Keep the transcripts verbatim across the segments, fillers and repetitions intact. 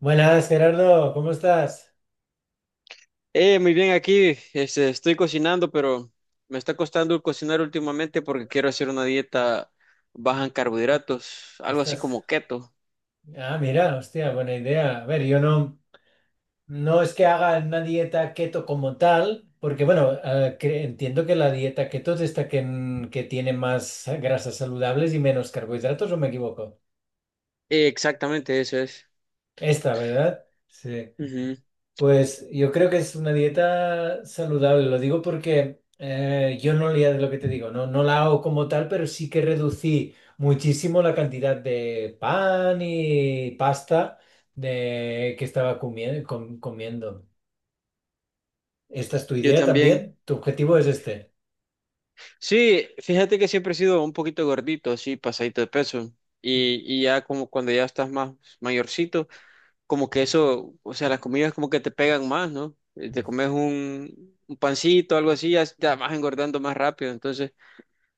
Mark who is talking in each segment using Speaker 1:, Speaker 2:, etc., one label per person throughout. Speaker 1: Buenas, Gerardo, ¿cómo estás?
Speaker 2: Eh, muy bien, aquí este, estoy cocinando, pero me está costando cocinar últimamente porque quiero hacer una dieta baja en carbohidratos, algo así
Speaker 1: Estás.
Speaker 2: como keto.
Speaker 1: Ah, mira, hostia, buena idea. A ver, yo no, no es que haga una dieta keto como tal, porque bueno, eh, cre- entiendo que la dieta keto es esta que, n- que tiene más grasas saludables y menos carbohidratos, ¿o me equivoco?
Speaker 2: Eh, exactamente, eso es.
Speaker 1: Esta, ¿verdad? Sí.
Speaker 2: Ujú.
Speaker 1: Pues yo creo que es una dieta saludable, lo digo porque eh, yo no leía de lo que te digo, no, no la hago como tal, pero sí que reducí muchísimo la cantidad de pan y pasta de, que estaba comie- com- comiendo. ¿Esta es tu
Speaker 2: Yo
Speaker 1: idea
Speaker 2: también.
Speaker 1: también? ¿Tu objetivo es este?
Speaker 2: Sí, fíjate que siempre he sido un poquito gordito, así, pasadito de peso. Y, y ya como cuando ya estás más mayorcito, como que eso, o sea, las comidas como que te pegan más, ¿no? Eh, Te
Speaker 1: Mm.
Speaker 2: comes un, un pancito, algo así, ya, ya vas engordando más rápido. Entonces,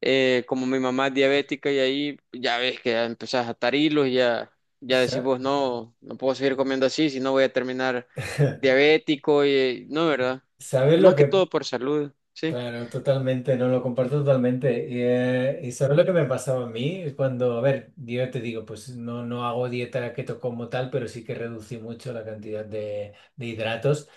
Speaker 2: Eh, como mi mamá es diabética y ahí ya ves que ya empezás a atar hilos y ya, ya decís
Speaker 1: Sa-
Speaker 2: vos, no, no puedo seguir comiendo así, si no voy a terminar diabético y eh, no, ¿verdad?
Speaker 1: ¿Sabes
Speaker 2: Es
Speaker 1: lo
Speaker 2: más que
Speaker 1: que,
Speaker 2: todo por salud, ¿sí?
Speaker 1: claro, totalmente, no lo comparto totalmente. Y, eh, y sabes lo que me pasaba a mí Es cuando, A ver, yo te digo, pues no, no hago dieta keto como tal, pero sí que reducí mucho la cantidad de, de hidratos.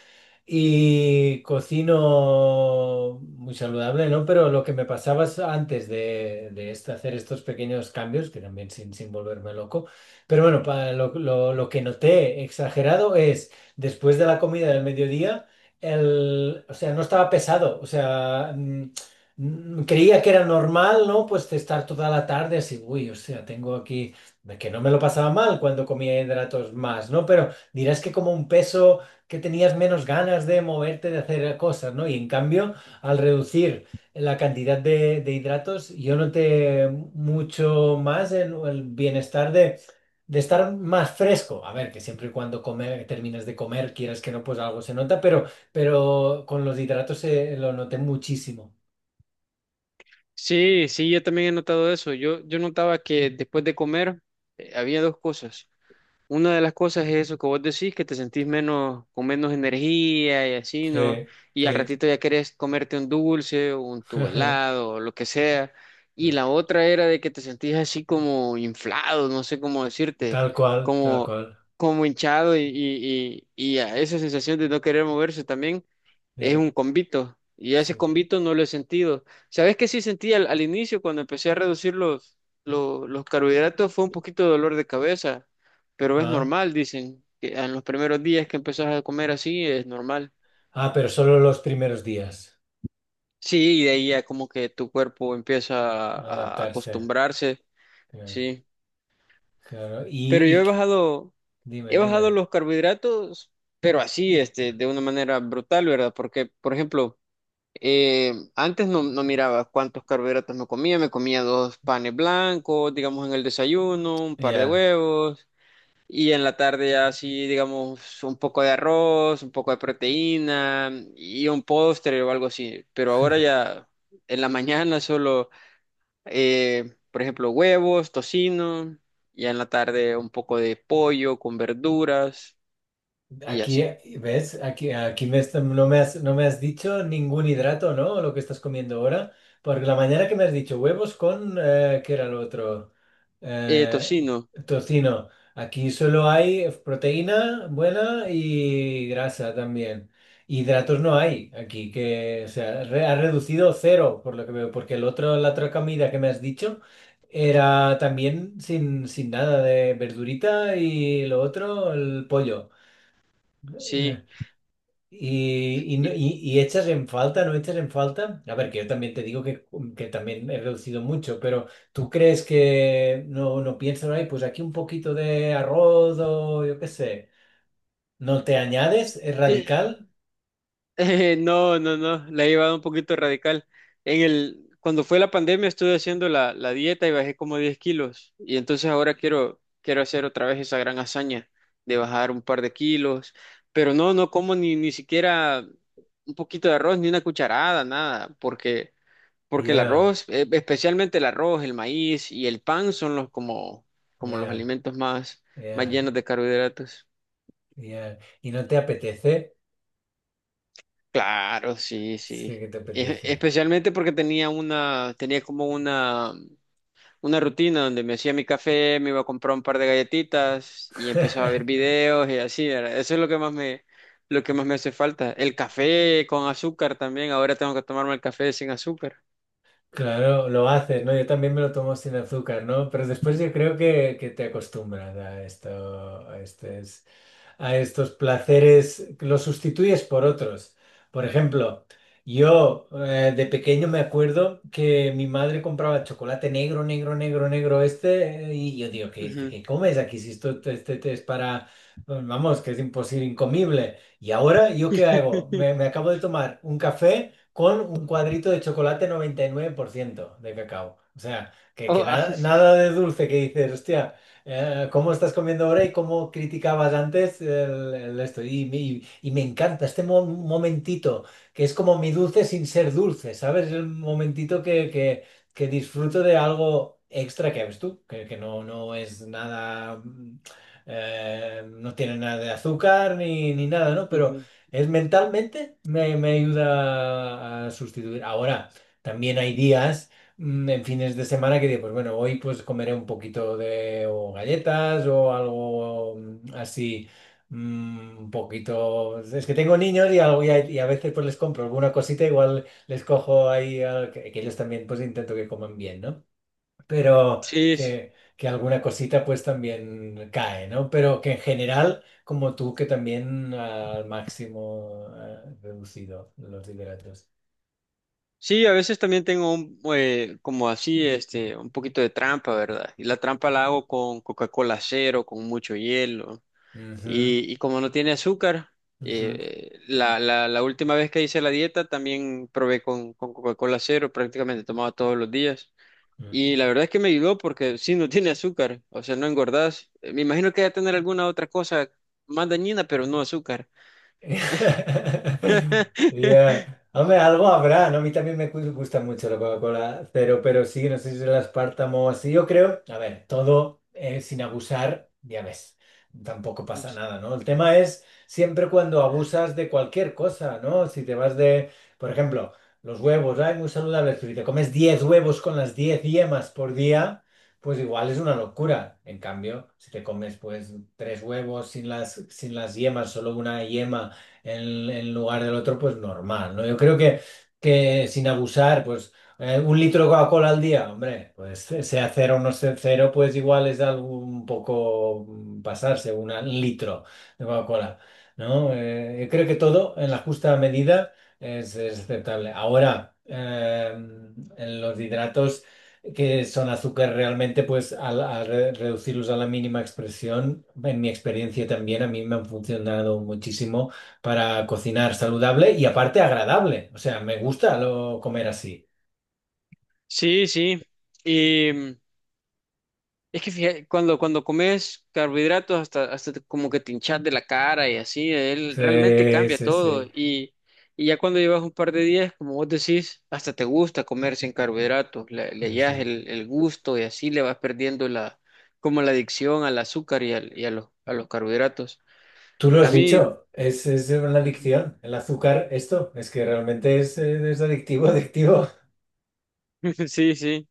Speaker 1: Y cocino muy saludable, ¿no? Pero lo que me pasaba es antes de, de este- hacer estos pequeños cambios, que también sin, sin volverme loco, pero bueno, pa- lo, lo- lo que noté exagerado es después de la comida del mediodía, el, o sea, no estaba pesado, o sea, mm, mm, creía que era normal, ¿no? Pues de estar toda la tarde así, uy, o sea, tengo aquí, que no me lo pasaba mal cuando comía hidratos más, ¿no? Pero dirás que como un peso, que tenías menos ganas de moverte, de hacer cosas, ¿no? Y en cambio, al reducir la cantidad de, de hidratos, yo noté mucho más en el bienestar de, de estar más fresco. A ver, que siempre y cuando comer, termines de comer, quieras que no, pues algo se nota, pero, pero con los hidratos se, lo noté muchísimo.
Speaker 2: Sí, sí, yo también he notado eso. Yo, yo notaba que después de comer eh, había dos cosas. Una de las cosas es eso que vos decís, que te sentís menos, con menos energía y así, ¿no?
Speaker 1: Sí,
Speaker 2: Y al
Speaker 1: sí.
Speaker 2: ratito ya querés comerte un dulce, un tu helado, o lo que sea. Y
Speaker 1: Mm.
Speaker 2: la otra era de que te sentís así como inflado, no sé cómo decirte,
Speaker 1: Tal cual, tal
Speaker 2: como,
Speaker 1: cual.
Speaker 2: como hinchado y, y, y, y a esa sensación de no querer moverse también es
Speaker 1: Eh,
Speaker 2: un convito y ese
Speaker 1: sí.
Speaker 2: convito no lo he sentido. ¿Sabes qué sí sentí al, al inicio cuando empecé a reducir los, lo- los carbohidratos? Fue un poquito de dolor de cabeza, pero es
Speaker 1: Ah,
Speaker 2: normal, dicen, que en los primeros días que empezás a comer así es normal.
Speaker 1: ah, pero solo los primeros días.
Speaker 2: Sí, y de ahí ya como que tu cuerpo empieza a, a
Speaker 1: Adaptarse.
Speaker 2: acostumbrarse,
Speaker 1: Eh.
Speaker 2: sí.
Speaker 1: Claro,
Speaker 2: Pero yo
Speaker 1: y,
Speaker 2: he
Speaker 1: y-
Speaker 2: bajado,
Speaker 1: dime,
Speaker 2: he bajado
Speaker 1: dime.
Speaker 2: los carbohidratos, pero así, este, de una manera brutal, ¿verdad? Porque, por ejemplo, Eh, antes no, no miraba cuántos carbohidratos me comía, me comía dos panes blancos, digamos en el desayuno, un par de
Speaker 1: Ya,
Speaker 2: huevos y en la tarde ya así, digamos, un poco de arroz, un poco de proteína y un postre o algo así. Pero ahora ya en la mañana solo, eh, por ejemplo, huevos, tocino, y en la tarde un poco de pollo con verduras y
Speaker 1: aquí,
Speaker 2: así.
Speaker 1: eh, ¿ves? Aquí, aquí me est- no me has, no me has dicho ningún hidrato, ¿no? Lo que estás comiendo ahora. Porque la mañana que me has dicho huevos con, eh, ¿qué era lo otro?
Speaker 2: Eh,
Speaker 1: Eh,
Speaker 2: tocino,
Speaker 1: tocino. Aquí solo hay proteína buena y grasa también. Hidratos no hay aquí, que, o sea, re- ha reducido cero, por lo que veo, porque el otro, la otra comida que me has dicho era también sin, sin nada de verdurita y lo otro, el pollo. Eh,
Speaker 2: sí.
Speaker 1: y, y, no-
Speaker 2: Y
Speaker 1: y- y echas en falta, no echas en falta. A ver, que yo también te digo que, que también he reducido mucho, pero ¿tú crees que no, no piensas, ay, pues aquí un poquito de arroz o yo qué sé? ¿No te añades? ¿Es
Speaker 2: eh,
Speaker 1: radical?
Speaker 2: Eh, no, no, no, la he llevado un poquito radical. En el, cuando fue la pandemia estuve haciendo la, la dieta y bajé como diez kilos y entonces ahora quiero, quiero hacer otra vez esa gran hazaña de bajar un par de kilos, pero no, no como ni, ni siquiera un poquito de arroz, ni una cucharada, nada, porque, porque el
Speaker 1: Ya,
Speaker 2: arroz, eh, especialmente el arroz, el maíz y el pan son los como, como los
Speaker 1: ya,
Speaker 2: alimentos más, más
Speaker 1: ya,
Speaker 2: llenos de carbohidratos.
Speaker 1: ya. ¿Y no te apetece?
Speaker 2: Claro, sí,
Speaker 1: Sí
Speaker 2: sí.
Speaker 1: que te
Speaker 2: E-
Speaker 1: apetece.
Speaker 2: especialmente porque tenía una, tenía como una, una rutina donde me hacía mi café, me iba a comprar un par de galletitas y empezaba a ver videos y así, ¿verdad? Eso es lo que más me, lo que más me hace falta. El café con azúcar también. Ahora tengo que tomarme el café sin azúcar.
Speaker 1: Claro, lo haces, ¿no? Yo también me lo tomo sin azúcar, ¿no? Pero después yo creo que, que te acostumbras a esto, a esto, a estos placeres, los sustituyes por otros. Por ejemplo, yo, eh, de pequeño me acuerdo que mi madre compraba chocolate negro, negro, negro, negro este, eh, y yo digo, ¿qué,
Speaker 2: Ujú.
Speaker 1: qué comes aquí si esto te- este, te es para, pues, vamos, que es imposible, incomible? Y ahora, ¿yo qué hago? Me, me acabo de tomar un café con un cuadrito de chocolate noventa y nueve por ciento de cacao. O sea, que,
Speaker 2: Oh,
Speaker 1: que
Speaker 2: ah,
Speaker 1: nada, nada de dulce que dices, hostia. Eh, ¿cómo estás comiendo ahora y cómo criticabas antes el, el esto? Y, me y me encanta este mo- momentito, que es como mi dulce sin ser dulce, ¿sabes? Es el momentito que, que- que disfruto de algo extra que ves tú, que, que no, no es nada, mm, eh, no tiene nada de azúcar ni, ni nada, ¿no? Pero
Speaker 2: ujú.
Speaker 1: es mentalmente me, me ayuda a sustituir. Ahora, también hay días. Mm, en fines de semana que digo, pues bueno, hoy pues comeré un poquito de o galletas o algo mm, así, mm, un poquito. Es que tengo niños y, algo, y, a, y a veces pues les compro alguna cosita, igual les cojo ahí, al- que, que ellos también pues intento que coman bien, ¿no? Pero
Speaker 2: Sí, sí,
Speaker 1: que, que alguna cosita pues también cae, ¿no? Pero que en general, como tú, que también al máximo eh, reducido los hidratos.
Speaker 2: sí, a veces también tengo un, eh, como así, este, un poquito de trampa, ¿verdad? Y la trampa la hago con Coca-Cola cero, con mucho hielo.
Speaker 1: Ujú,
Speaker 2: Y, y como no tiene azúcar, eh, la, la- la última vez que hice la dieta también probé con, con Coca-Cola cero, prácticamente tomaba todos los días.
Speaker 1: ujú.
Speaker 2: Y la verdad es que me ayudó porque sí, no tiene azúcar, o sea, no engordás. Eh, Me imagino que va a tener alguna otra cosa más dañina, pero no azúcar.
Speaker 1: Ya. Hombre, algo habrá, ¿no? A mí también me gu- gusta mucho la Coca-Cola cero, pero sí, no sé si es el aspartamo o así. Yo creo, a ver, todo eh, sin abusar, ya ves, tampoco pasa nada, ¿no? El tema es siempre cuando abusas de cualquier cosa, ¿no? Si te vas de, por ejemplo, los huevos, ay, muy saludables, pero si te comes diez huevos con las diez yemas por día, pues igual es una locura. En cambio, si te comes, pues, tres huevos sin las, sin las yemas, solo una yema en, en lugar del otro, pues normal, ¿no? Yo creo que, que sin abusar, pues eh, un litro de Coca-Cola al día, hombre, pues sea cero o no sea cero, pues igual es algo un poco mm, pasarse, una- un litro de Coca-Cola, ¿no? Eh, yo creo que todo en la justa medida es, es aceptable. Ahora, eh, en los hidratos que son azúcar realmente, pues al, al re- reducirlos a la mínima expresión, en mi experiencia también, a mí me han funcionado muchísimo para cocinar saludable y aparte agradable. O sea, me gusta lo, comer así.
Speaker 2: Sí, sí, y es que fija- cuando, cuando comes carbohidratos hasta, hasta te- como que te hinchas de la cara y así, él realmente
Speaker 1: Sí,
Speaker 2: cambia
Speaker 1: sí,
Speaker 2: todo.
Speaker 1: sí.
Speaker 2: Y, y ya cuando llevas un par de días, como vos decís, hasta te gusta comer sin carbohidratos, le, le hallas
Speaker 1: Ujú.
Speaker 2: el, el gusto y así le vas perdiendo la, como la adicción al azúcar y, al- y a los, a los carbohidratos.
Speaker 1: Tú lo
Speaker 2: A
Speaker 1: has
Speaker 2: mí,
Speaker 1: dicho, es, es una
Speaker 2: ujú,
Speaker 1: adicción. El azúcar, esto, es que realmente es, eh, es adictivo, adictivo.
Speaker 2: sí, sí.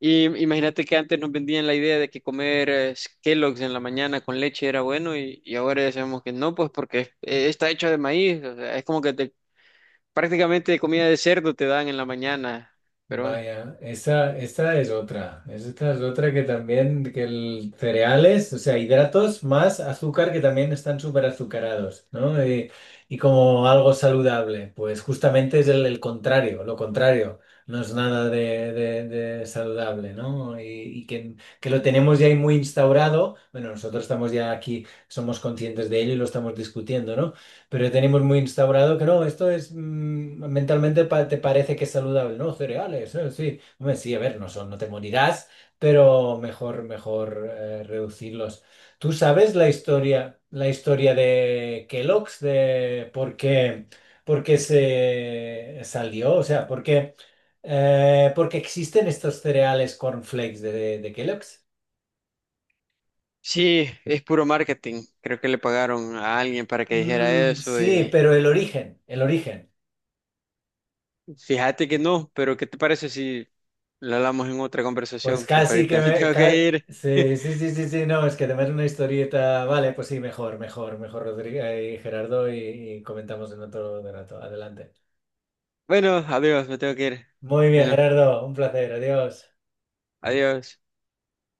Speaker 2: Y imagínate que antes nos vendían la idea de que comer eh, Kellogg's en la mañana con leche era bueno y, y ahora ya sabemos que no, pues porque es- eh, está hecho de maíz, o sea, es como que te- prácticamente comida de cerdo te dan en la mañana, pero eh,
Speaker 1: Vaya, esta, esta es otra. Esta es otra que también, que el cereales, o sea, hidratos más azúcar que también están súper azucarados, ¿no? Y, y como algo saludable, pues justamente es el, el contrario, lo contrario. No es nada de, de- de saludable, ¿no? Y, y que, que lo tenemos ya ahí muy instaurado. Bueno, nosotros estamos ya aquí, somos conscientes de ello y lo estamos discutiendo, ¿no? Pero ya tenemos muy instaurado que no, esto es mm, mentalmente pa- te parece que es saludable, ¿no? Cereales, eh, sí. Hombre, sí, a ver, no son, no te morirás, pero mejor, mejor eh, reducirlos. ¿Tú sabes la historia, la historia de Kellogg's, de por qué, por qué se salió? O sea, ¿por qué, eh, por qué existen estos cereales cornflakes de, de, Kellogg's?
Speaker 2: sí, es puro marketing, creo que le pagaron a alguien para que dijera
Speaker 1: Mm,
Speaker 2: eso
Speaker 1: sí,
Speaker 2: y
Speaker 1: pero el origen, el origen.
Speaker 2: fíjate que no, pero ¿qué te parece si lo hablamos en otra
Speaker 1: Pues
Speaker 2: conversación? Porque
Speaker 1: casi que
Speaker 2: ahorita me
Speaker 1: me...
Speaker 2: tengo
Speaker 1: ca-
Speaker 2: que ir.
Speaker 1: sí, sí, sí, sí, sí, no, es que además una historieta... Vale, pues sí, mejor, mejor, mejor, Rodrigo eh, y Gerardo, y, y comentamos en otro rato. Adelante.
Speaker 2: Bueno, adiós, me tengo que ir.
Speaker 1: Muy bien,
Speaker 2: Bueno,
Speaker 1: Gerardo, un placer, adiós.
Speaker 2: adiós.